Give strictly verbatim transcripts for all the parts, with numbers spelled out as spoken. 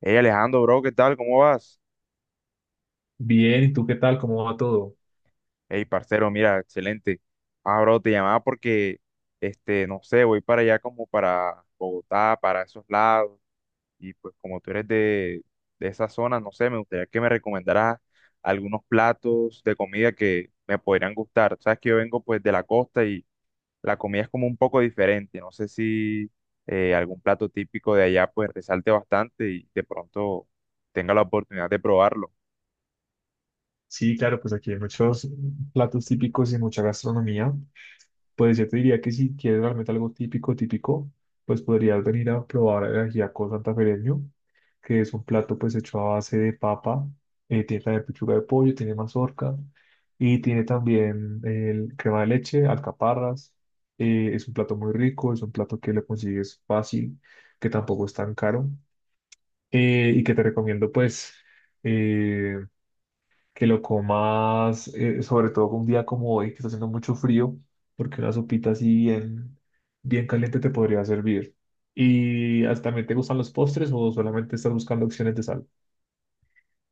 Hey Alejandro, bro, ¿qué tal? ¿Cómo vas? Bien, ¿y tú qué tal? ¿Cómo va todo? Hey, parcero, mira, excelente. Ah, bro, te llamaba porque, este, no sé, voy para allá como para Bogotá, para esos lados. Y pues como tú eres de, de esa zona, no sé, me gustaría que me recomendaras algunos platos de comida que me podrían gustar. Sabes que yo vengo pues de la costa y la comida es como un poco diferente. No sé si eh, algún plato típico de allá pues resalte bastante y de pronto tenga la oportunidad de probarlo. Sí, claro, pues aquí hay muchos platos típicos y mucha gastronomía. Pues yo te diría que si quieres realmente algo típico, típico, pues podrías venir a probar el ajiaco santafereño, que es un plato pues hecho a base de papa, eh, tiene también pechuga de pollo, tiene mazorca y tiene también el crema de leche, alcaparras. Eh, es un plato muy rico, es un plato que lo consigues fácil, que tampoco es tan caro eh, y que te recomiendo pues... eh, que lo comas, eh, sobre todo un día como hoy, que está haciendo mucho frío, porque una sopita así bien, bien caliente te podría servir. ¿Y hasta también te gustan los postres o solamente estás buscando opciones de sal?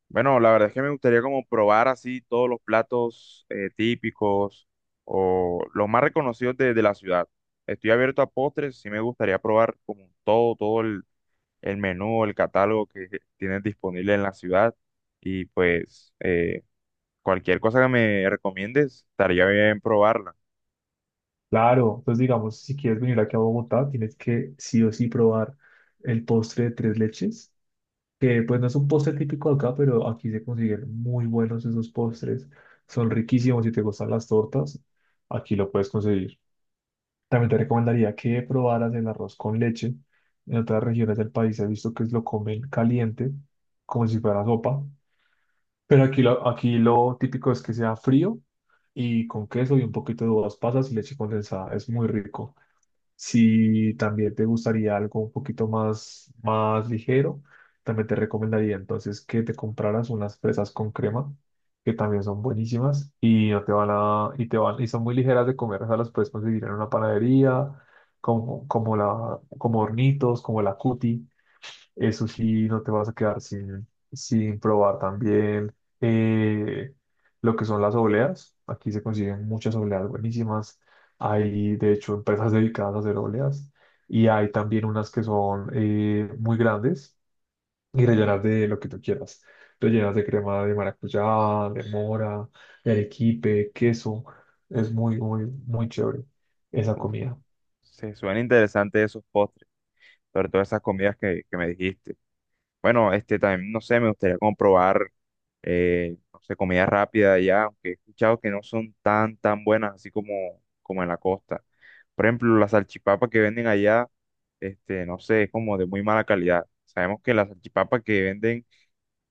Bueno, la verdad es que me gustaría como probar así todos los platos eh, típicos o los más reconocidos de, de la ciudad. Estoy abierto a postres, sí me gustaría probar como todo, todo el, el menú, el catálogo que tienes disponible en la ciudad. Y pues eh, cualquier cosa que me recomiendes, estaría bien probarla. Claro, entonces digamos, si quieres venir aquí a Bogotá, tienes que sí o sí probar el postre de tres leches, que pues no es un postre típico de acá, pero aquí se consiguen muy buenos esos postres, son riquísimos si te gustan las tortas, aquí lo puedes conseguir. También te recomendaría que probaras el arroz con leche. En otras regiones del país he visto que lo comen caliente, como si fuera sopa. Pero aquí lo, aquí lo típico es que sea frío y con queso y un poquito de uvas pasas y leche condensada. Es muy rico. Si también te gustaría algo un poquito más, más ligero, también te recomendaría entonces que te compraras unas fresas con crema, que también son buenísimas y no te van a, y te van, y son muy ligeras de comer, o sea, las puedes conseguir en una panadería, como, como la, como Hornitos, como la Cuti. Eso sí, no te vas a quedar sin, sin probar también eh, lo que son las obleas. Aquí se consiguen muchas obleas buenísimas. Hay, de hecho, empresas dedicadas a hacer obleas y hay también unas que son eh, muy grandes y rellenas de lo que tú quieras. Rellenas de crema de maracuyá, de mora, de arequipe, queso. Es muy, muy, muy chévere esa Uf, comida. se suena interesante esos postres, sobre todo esas comidas que, que me dijiste. Bueno, este también, no sé, me gustaría comprobar, eh, no sé, comida rápida allá, aunque he escuchado que no son tan, tan buenas así como, como en la costa. Por ejemplo, las salchipapas que venden allá, este, no sé, es como de muy mala calidad. Sabemos que las salchipapas que venden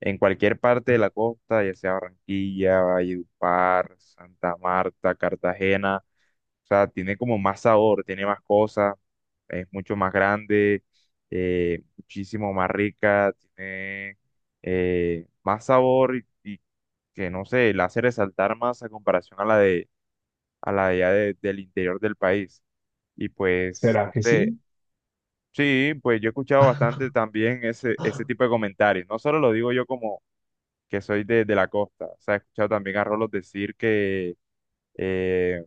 en cualquier parte de la costa, ya sea Barranquilla, Valledupar, Santa Marta, Cartagena, o sea, tiene como más sabor, tiene más cosas, es mucho más grande, eh, muchísimo más rica, tiene eh, más sabor y, y que no sé, la hace resaltar más a comparación a la de a la de allá de- del interior del país. Y pues, ¿Será no que sé, sí? sí, pues yo he escuchado bastante también ese, ese tipo de comentarios. No solo lo digo yo como que soy de, de la costa, o sea, he escuchado también a Rolos decir que eh,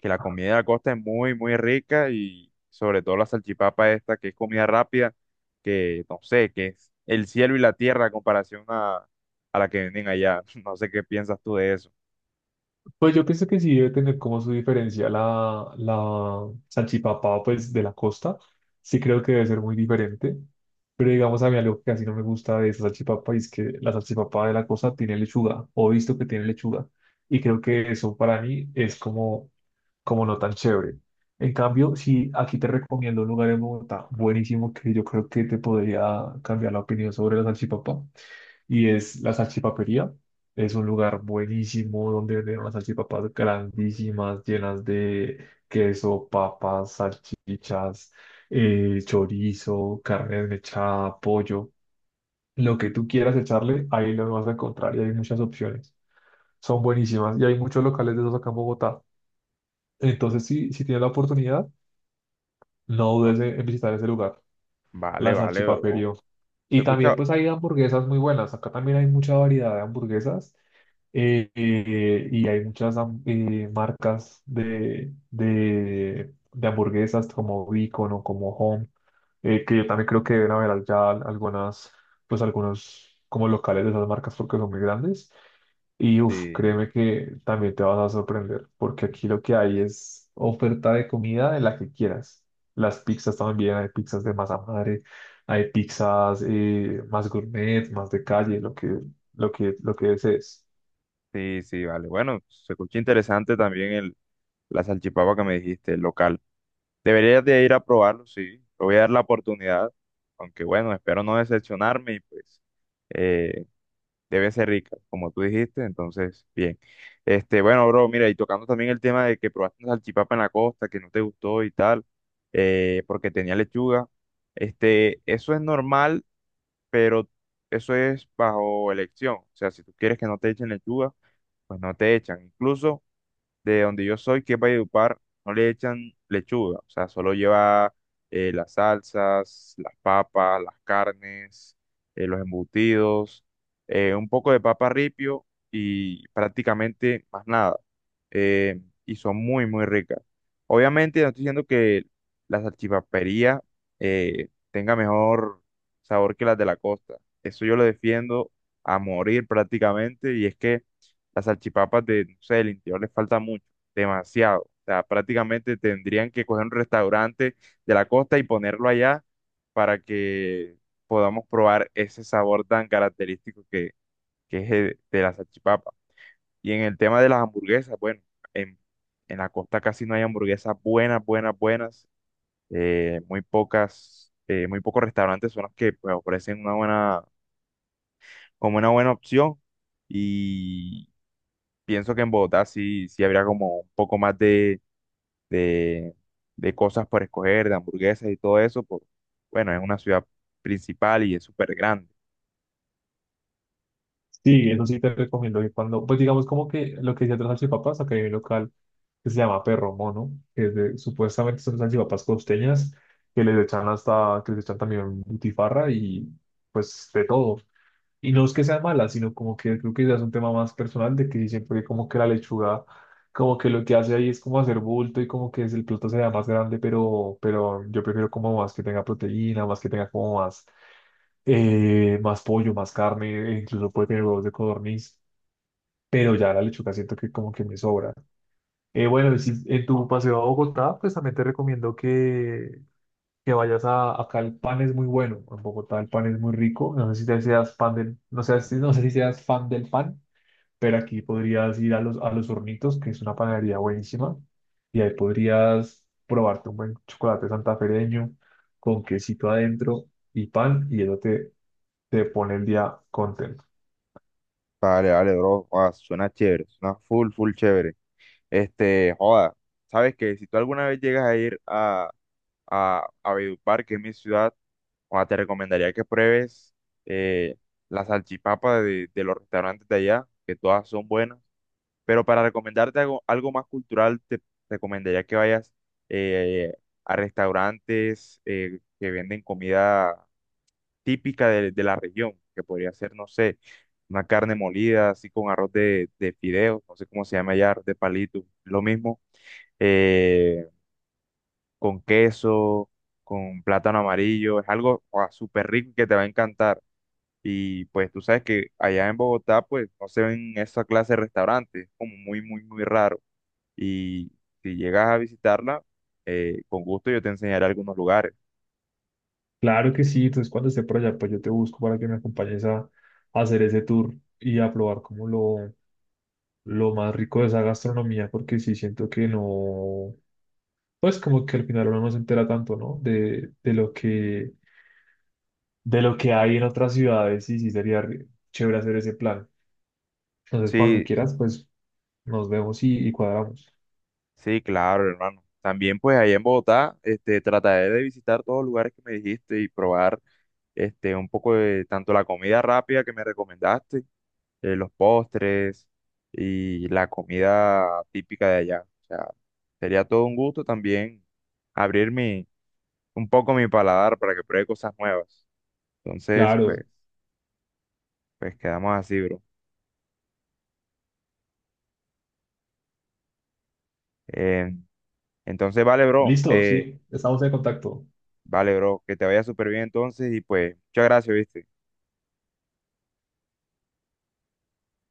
que la comida de la costa es muy, muy rica y sobre todo la salchipapa esta, que es comida rápida, que no sé, que es el cielo y la tierra a comparación a, a la que venden allá. No sé qué piensas tú de eso. Pues yo pienso que sí debe tener como su diferencia la, la salchipapa, pues de la costa. Sí creo que debe ser muy diferente. Pero digamos a mí algo que casi no me gusta de esa salchipapa es que la salchipapa de la costa tiene lechuga, o he visto que tiene lechuga. Y creo que eso para mí es como como no tan chévere. En cambio, si aquí te recomiendo un lugar en Bogotá buenísimo que yo creo que te podría cambiar la opinión sobre la salchipapa, y es la salchipapería. Es un lugar buenísimo donde venden unas salchipapas grandísimas, llenas de queso, papas, salchichas, eh, chorizo, carne desmechada, pollo. Lo que tú quieras echarle, ahí lo vas a encontrar y hay muchas opciones. Son buenísimas y hay muchos locales de esos acá en Bogotá. Entonces, si, si tienes la oportunidad, no Va- dudes en en visitar ese lugar, Vale, la vale, bro. salchipaperio. Se Y escucha, también pues hay hamburguesas muy buenas. Acá también hay mucha variedad de hamburguesas eh, eh, y hay muchas ham- eh, marcas de, de, de hamburguesas como Beacon o como Home, eh, que yo también creo que deben haber allá al- algunas, pues algunos como locales de esas marcas porque son muy grandes. Y uf, sí, créeme que también te vas a sorprender, porque aquí lo que hay es oferta de comida de la que quieras. Las pizzas también, hay pizzas de masa madre, hay pizzas eh, más gourmet, más de calle, lo que, lo que, lo que desees. sí, sí, vale. Bueno, se escucha interesante también el, la salchipapa que me dijiste, el local. Deberías de ir a probarlo, sí. Le voy a dar la oportunidad, aunque bueno, espero no decepcionarme y pues eh, debe ser rica, como tú dijiste, entonces, bien. Este, bueno, bro, mira, y tocando también el tema de que probaste una salchipapa en la costa, que no te gustó y tal, eh, porque tenía lechuga, este, eso es normal, pero eso es bajo elección, o sea, si tú quieres que no te echen lechuga, pues no te echan, incluso de donde yo soy, que es Valledupar, no le echan lechuga, o sea, solo lleva eh, las salsas, las papas, las carnes, eh, los embutidos, eh, un poco de papa ripio y prácticamente más nada. eh, y son muy, muy ricas. Obviamente, no estoy diciendo que la salchipapería eh, tenga mejor sabor que las de la costa. Eso yo lo defiendo a morir prácticamente y es que las salchipapas de, no sé, del interior les falta mucho, demasiado. O sea, prácticamente tendrían que coger un restaurante de la costa y ponerlo allá para que podamos probar ese sabor tan característico que, que es el de la salchipapa. Y en el tema de las hamburguesas, bueno, en, en la costa casi no hay hamburguesas buenas, buenas, buenas. Eh, muy pocas, eh, muy pocos restaurantes son los que pues, ofrecen una buena, como una buena opción. Y pienso que en Bogotá sí, sí habría como un poco más de, de, de cosas por escoger, de hamburguesas y todo eso, por, bueno, es una ciudad principal y es súper grande. Sí, eso sí te recomiendo que cuando, pues digamos como que lo que decía de las salchipapas, acá hay un local que se llama Perro Mono, que es de- supuestamente son salchipapas costeñas, que les echan hasta, que les echan también butifarra y pues de todo. Y no es que sea mala, sino como que creo que ya es un tema más personal de que dicen, porque como que la lechuga, como que lo que hace ahí es como hacer bulto y como que es el plato sea más grande, pero, pero yo prefiero como más que tenga proteína, más que tenga como más, eh, más pollo, más carne, e incluso puede tener huevos de codorniz, pero ya la lechuga siento que como que me sobra. Eh, bueno, y si en tu paseo a Bogotá, pues también te recomiendo que, que vayas a, acá el pan es muy bueno, en Bogotá el pan es muy rico, no sé si te seas fan del, no sé, si- no sé si seas fan del pan, pero aquí podrías ir a los, a los Hornitos, que es una panadería buenísima, y ahí podrías probarte un buen chocolate santafereño con quesito adentro y pan, y eso te, te pone el día contento. Vale, vale, bro. Joda, suena chévere, suena full, full chévere. Este, joda, sabes que si tú alguna vez llegas a ir a, a, a Valledupar, que es mi ciudad, joda, te recomendaría que pruebes eh, la salchipapa de, de los restaurantes de allá, que todas son buenas. Pero para recomendarte algo, algo más cultural, te recomendaría que vayas eh, a restaurantes eh, que venden comida típica de, de la región, que podría ser, no sé, una carne molida, así con arroz de, de fideos, no sé cómo se llama ya, arroz de palito, lo mismo, eh, con queso, con plátano amarillo, es algo ah, súper rico que te va a encantar. Y pues tú sabes que allá en Bogotá, pues no se ven esa clase de restaurantes, como muy, muy, muy raro y si llegas a visitarla, eh, con gusto yo te enseñaré algunos lugares. Claro que sí, entonces cuando esté por allá, pues yo te busco para que me acompañes a, a hacer ese tour y a probar como lo, lo más rico de esa gastronomía, porque sí siento que no pues como que al final uno no se entera tanto, ¿no? De, de lo que, de lo que hay en otras ciudades y sí sería re- chévere hacer ese plan. Entonces, cuando Sí, quieras, pues nos vemos y, y cuadramos. sí, claro, hermano. También pues allá en Bogotá, este, trataré de visitar todos los lugares que me dijiste y probar este, un poco de tanto la comida rápida que me recomendaste, eh, los postres y la comida típica de allá. O sea, sería todo un gusto también abrir mi, un poco mi paladar para que pruebe cosas nuevas. Entonces, pues, Claro. pues quedamos así, bro. Em, Entonces, vale, bro. Listo, eh, sí, estamos en contacto. vale, bro. Que te vaya súper bien entonces y pues, muchas gracias, ¿viste?